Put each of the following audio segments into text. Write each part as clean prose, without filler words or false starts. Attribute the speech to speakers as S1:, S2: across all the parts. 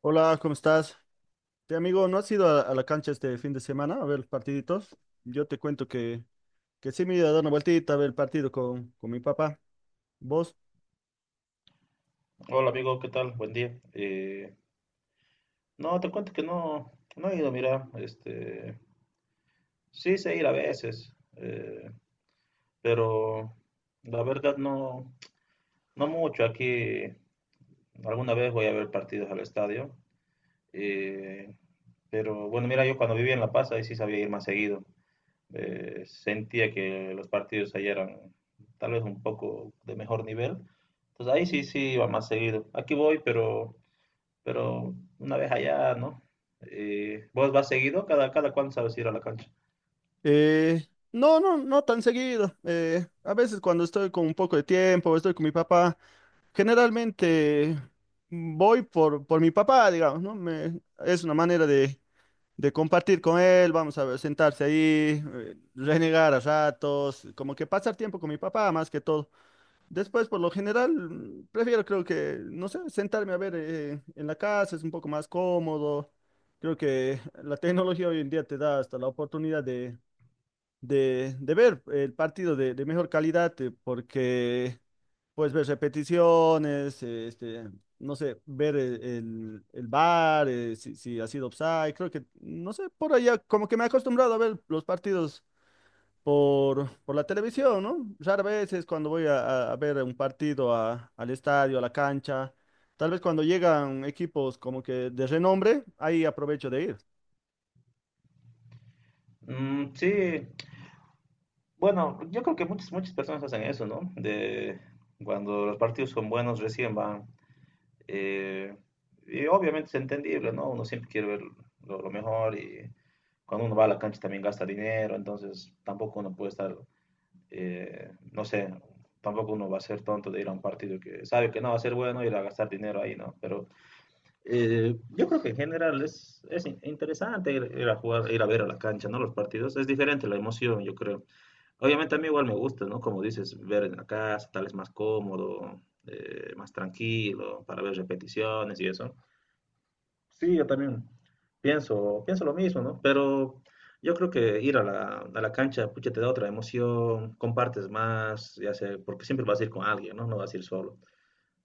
S1: Hola, ¿cómo estás? Te amigo, ¿no has ido a la cancha este fin de semana a ver los partiditos? Yo te cuento que sí me he ido a dar una vueltita a ver el partido con mi papá. ¿Vos?
S2: Hola amigo, ¿qué tal? Buen día. No, te cuento que no he ido, mira, este, sí sé ir a veces, pero la verdad no, no mucho. Aquí alguna vez voy a ver partidos al estadio, eh, pero bueno, mira, yo cuando vivía en La Paz ahí sí sabía ir más seguido. Sentía que los partidos ahí eran tal vez un poco de mejor nivel, entonces ahí sí iba más seguido. Aquí voy, pero una vez allá, ¿no? ¿Vos vas seguido? ¿Cada cuándo sabes ir a la cancha?
S1: Eh, no tan seguido. A veces cuando estoy con un poco de tiempo, estoy con mi papá, generalmente voy por mi papá, digamos, ¿no? Es una manera de compartir con él, vamos a ver, sentarse ahí, renegar a ratos, como que pasar tiempo con mi papá más que todo. Después, por lo general, prefiero creo que, no sé, sentarme a ver en la casa, es un poco más cómodo. Creo que la tecnología hoy en día te da hasta la oportunidad de ver el partido de mejor calidad, porque puedes ver repeticiones, no sé, ver el VAR, si ha sido offside. Creo que, no sé, por allá, como que me he acostumbrado a ver los partidos por la televisión, ¿no? Raras veces cuando voy a ver un partido al estadio, a la cancha, tal vez cuando llegan equipos como que de renombre, ahí aprovecho de ir.
S2: Mm, sí, bueno, yo creo que muchas personas hacen eso, ¿no? De cuando los partidos son buenos recién van. eh, y obviamente es entendible, ¿no? Uno siempre quiere ver lo mejor y cuando uno va a la cancha también gasta dinero, entonces tampoco uno puede estar, no sé, tampoco uno va a ser tonto de ir a un partido que sabe que no va a ser bueno y ir a gastar dinero ahí, ¿no? Pero yo creo que en general es interesante ir, ir a jugar, ir a ver a la cancha, ¿no? Los partidos. Es diferente la emoción, yo creo. Obviamente a mí igual me gusta, ¿no? Como dices, ver en la casa, tal es más cómodo, más tranquilo, para ver repeticiones y eso. Sí, yo también pienso lo mismo, ¿no? Pero yo creo que ir a la cancha, pucha, te da otra emoción, compartes más, ya sé, porque siempre vas a ir con alguien, ¿no? No vas a ir solo,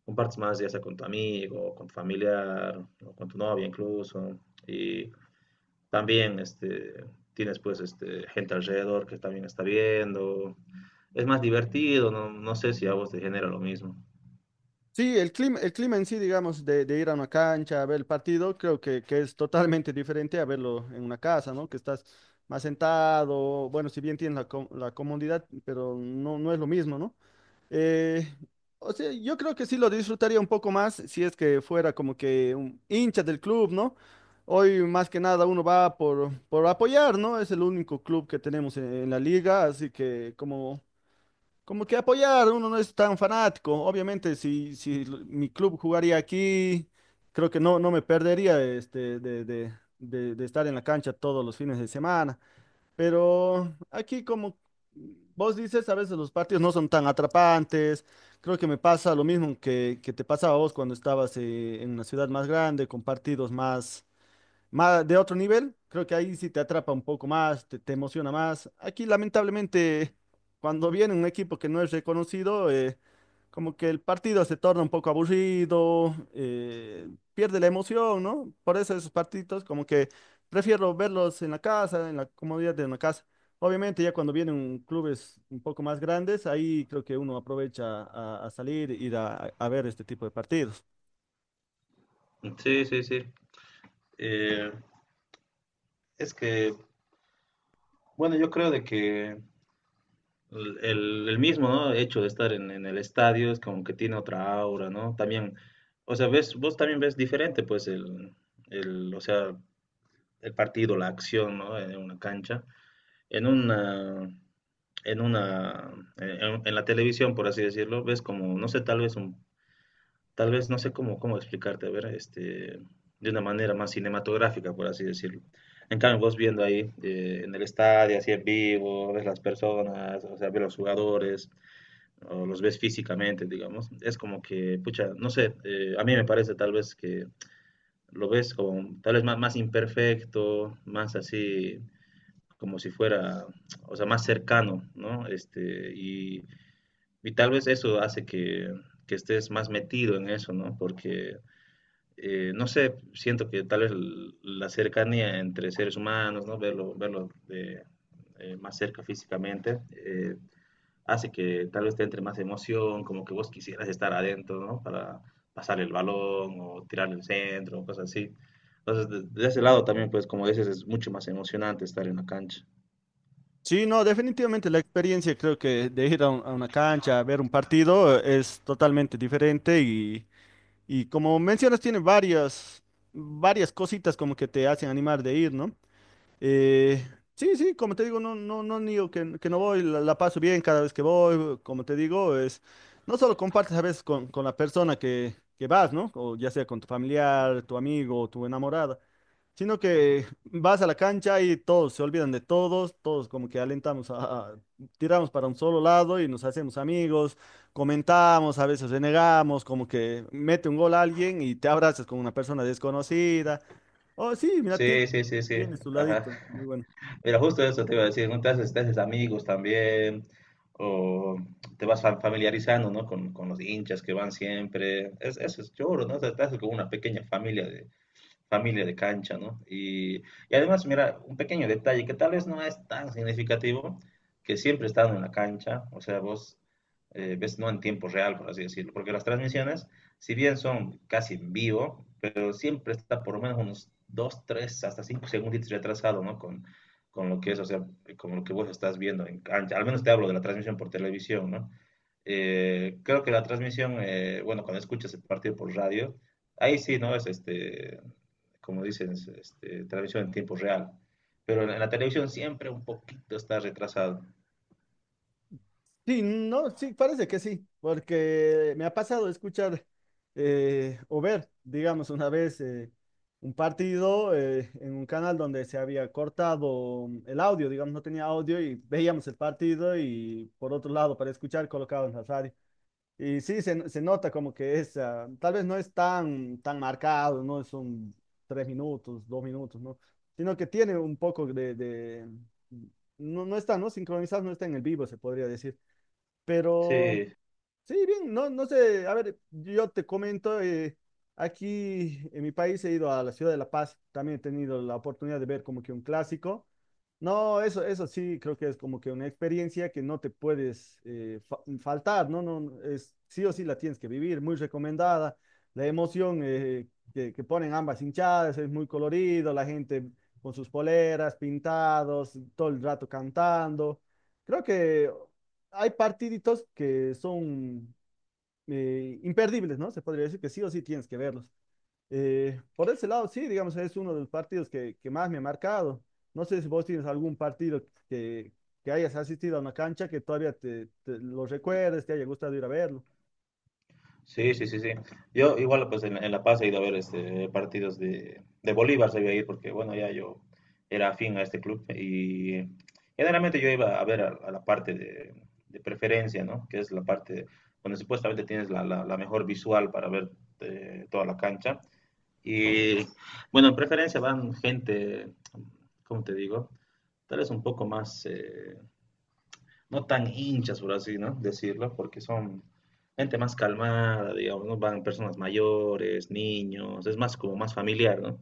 S2: compartes más, ya sea con tu amigo, con tu familiar, o con tu novia incluso. Y también este, tienes pues este, gente alrededor que también está viendo. Es más divertido, no, no sé si a vos te genera lo mismo.
S1: Sí, el clima en sí, digamos, de ir a una cancha a ver el partido, creo que es totalmente diferente a verlo en una casa, ¿no? Que estás más sentado, bueno, si bien tienes la comodidad, pero no, no es lo mismo, ¿no? Eh, o sea, yo creo que sí lo disfrutaría un poco más si es que fuera como que un hincha del club, ¿no? Hoy más que nada uno va por apoyar, ¿no? Es el único club que tenemos en la liga, así que como, como que apoyar, uno no es tan fanático. Obviamente, si mi club jugaría aquí, creo que no, no me perdería este, de estar en la cancha todos los fines de semana. Pero aquí como vos dices, a veces los partidos no son tan atrapantes. Creo que me pasa lo mismo que te pasaba a vos cuando estabas en una ciudad más grande, con partidos más de otro nivel, creo que ahí sí te atrapa un poco más, te emociona más. Aquí, lamentablemente, cuando viene un equipo que no es reconocido, como que el partido se torna un poco aburrido, pierde la emoción, ¿no? Por eso esos partidos, como que prefiero verlos en la casa, en la comodidad de una casa. Obviamente, ya cuando vienen clubes un poco más grandes, ahí creo que uno aprovecha a salir, ir a ver este tipo de partidos.
S2: Sí, sí, sí. Eh, es que, bueno, yo creo de que el mismo, ¿no?, hecho de estar en el estadio es como que tiene otra aura, ¿no? También, o sea, ves, vos también ves diferente, pues, o sea, el partido, la acción, ¿no? En una cancha. En una, en la televisión, por así decirlo, ves como, no sé, tal vez, no sé cómo explicarte, a ver, este, de una manera más cinematográfica, por así decirlo. En cambio, vos viendo ahí en el estadio, así en vivo, ves las personas, o sea, ves los jugadores, o los ves físicamente, digamos, es como que, pucha, no sé, a mí me parece tal vez que lo ves como tal vez más, más imperfecto, más así, como si fuera, o sea, más cercano, ¿no? Este, y tal vez eso hace que estés más metido en eso, ¿no? Porque, no sé, siento que tal vez la cercanía entre seres humanos, ¿no? Verlo, verlo de, más cerca físicamente, hace que tal vez te entre más emoción, como que vos quisieras estar adentro, ¿no? Para pasar el balón o tirar el centro, cosas así. Entonces, de ese lado también, pues, como dices, es mucho más emocionante estar en la cancha.
S1: Sí, no, definitivamente la experiencia creo que de ir a, a una cancha a ver un partido es totalmente diferente y como mencionas tiene varias, varias cositas como que te hacen animar de ir, ¿no? Eh, sí, sí, como te digo, no, no, no niego que no voy, la paso bien cada vez que voy, como te digo, es, no solo compartes a veces con la persona que vas, ¿no? O ya sea con tu familiar, tu amigo o tu enamorada. Sino que vas a la cancha y todos se olvidan de todos, todos como que alentamos a- tiramos para un solo lado y nos hacemos amigos, comentamos, a veces renegamos, como que mete un gol a alguien y te abrazas con una persona desconocida. Oh, sí, mira, tiene,
S2: Sí, sí, sí, sí.
S1: tiene su
S2: Ajá.
S1: ladito, muy bueno.
S2: Mira, justo eso te iba a decir, ¿no? Te haces amigos también, o te vas familiarizando, ¿no? Con los hinchas que van siempre. Es, eso es choro, ¿no? O sea, te haces como una pequeña familia de cancha, ¿no? Y además, mira, un pequeño detalle que tal vez no es tan significativo, que siempre están en la cancha, o sea, vos ves no en tiempo real, por así decirlo, porque las transmisiones, si bien son casi en vivo, pero siempre está por lo menos unos 2, 3 hasta 5 segundos retrasado, ¿no? Con lo que es, o sea, con lo que vos estás viendo en cancha. Al menos te hablo de la transmisión por televisión, ¿no? Creo que la transmisión, bueno, cuando escuchas el partido por radio, ahí sí, ¿no? Es este, como dicen este, transmisión en tiempo real. Pero en la televisión siempre un poquito está retrasado.
S1: Sí, no, sí, parece que sí, porque me ha pasado escuchar o ver, digamos, una vez un partido en un canal donde se había cortado el audio, digamos, no tenía audio y veíamos el partido y por otro lado para escuchar colocado en la radio. Y sí, se nota como que es, ah, tal vez no es tan, tan marcado, no son tres minutos, dos minutos, ¿no? Sino que tiene un poco no, no está, ¿no? Sincronizado, no está en el vivo, se podría decir. Pero
S2: Sí,
S1: sí, bien, no, no sé, a ver, yo te comento, aquí en mi país he ido a la ciudad de La Paz, también he tenido la oportunidad de ver como que un clásico. No, eso sí, creo que es como que una experiencia que no te puedes faltar, ¿no? No, no, es, sí o sí la tienes que vivir, muy recomendada. La emoción que ponen ambas hinchadas es muy colorido, la gente con sus poleras, pintados, todo el rato cantando. Creo que hay partiditos que son imperdibles, ¿no? Se podría decir que sí o sí tienes que verlos. Por ese lado, sí, digamos, es uno de los partidos que más me ha marcado. No sé si vos tienes algún partido que, que hayas asistido a una cancha que todavía te lo recuerdes, te haya gustado ir a verlo.
S2: sí, sí, sí, sí. Yo igual pues en La Paz he ido a ver este, partidos de Bolívar, se iba a ir porque bueno, ya yo era afín a este club y generalmente yo iba a ver a la parte de preferencia, ¿no? Que es la parte donde supuestamente tienes la mejor visual para ver toda la cancha. Y bueno, en preferencia van gente, ¿cómo te digo? Tal vez un poco más, no tan hinchas, por así, ¿no?, decirlo, porque son gente más calmada, digamos, ¿no? Van personas mayores, niños, es más como más familiar, ¿no?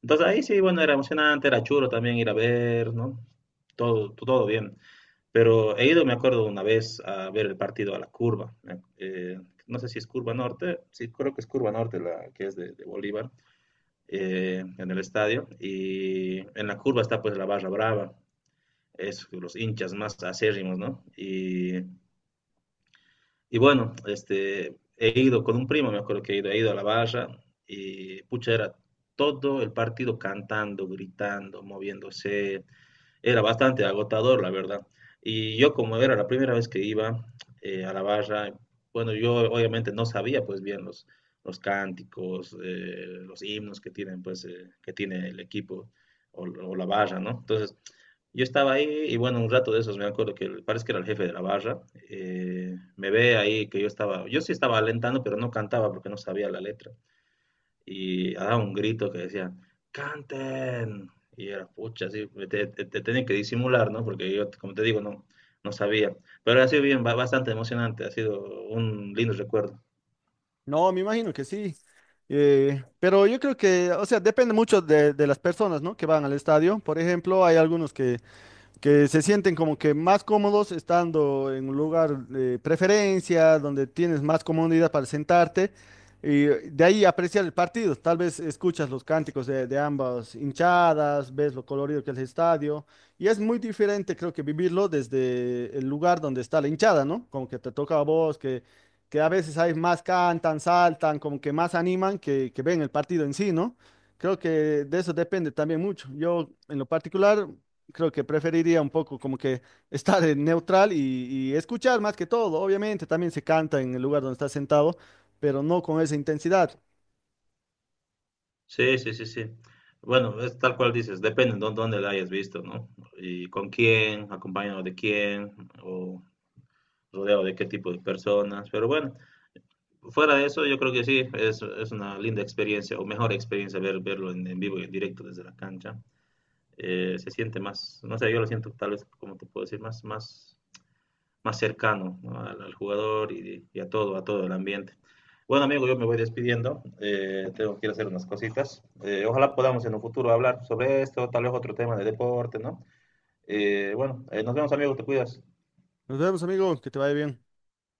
S2: Entonces ahí sí, bueno, era emocionante, era chulo también ir a ver, ¿no? Todo, todo bien. Pero he ido, me acuerdo, una vez a ver el partido a la curva. No sé si es Curva Norte, sí, creo que es Curva Norte la que es de Bolívar, en el estadio. Y en la curva está pues la barra brava, es los hinchas más acérrimos, ¿no? Y bueno, este, he ido con un primo, me acuerdo que he ido a la barra y pucha, era todo el partido cantando, gritando, moviéndose. Era bastante agotador, la verdad. Y yo como era la primera vez que iba a la barra, bueno, yo obviamente no sabía pues bien los cánticos, los himnos que tienen pues que tiene el equipo o, la barra, ¿no? Entonces yo estaba ahí y bueno, un rato de esos me acuerdo que parece que era el jefe de la barra, me ve ahí que yo estaba, yo sí estaba alentando, pero no cantaba porque no sabía la letra. Y daba un grito que decía, ¡canten! Y era, pucha, así, te tenía que disimular, ¿no? Porque yo, como te digo, no, no sabía. Pero ha sido bien, bastante emocionante, ha sido un lindo recuerdo.
S1: No, me imagino que sí. Pero yo creo que, o sea, depende mucho de las personas, ¿no? Que van al estadio. Por ejemplo, hay algunos que se sienten como que más cómodos estando en un lugar de preferencia, donde tienes más comodidad para sentarte y de ahí apreciar el partido. Tal vez escuchas los cánticos de ambas hinchadas, ves lo colorido que es el estadio y es muy diferente creo que vivirlo desde el lugar donde está la hinchada, ¿no? Como que te toca a vos, que a veces hay más cantan, saltan, como que más animan que ven el partido en sí, ¿no? Creo que de eso depende también mucho. Yo, en lo particular, creo que preferiría un poco como que estar en neutral y escuchar más que todo. Obviamente también se canta en el lugar donde estás sentado, pero no con esa intensidad.
S2: Sí, sí, sí, sí. Bueno, es tal cual dices, depende de dónde la hayas visto, ¿no? Y con quién, acompañado de quién, o... rodeado de qué tipo de personas. Pero bueno, fuera de eso, yo creo que sí, es una linda experiencia, o mejor experiencia ver, verlo en vivo y en directo desde la cancha. Se siente más, no sé, yo lo siento tal vez, como te puedo decir, más, más, más cercano, ¿no?, al, al, jugador y, a todo el ambiente. Bueno, amigo, yo me voy despidiendo. Tengo que ir a hacer unas cositas. Ojalá podamos en un futuro hablar sobre esto, tal vez otro tema de deporte, ¿no? Bueno, nos vemos, amigo, te cuidas.
S1: Nos vemos, amigo, que te vaya bien.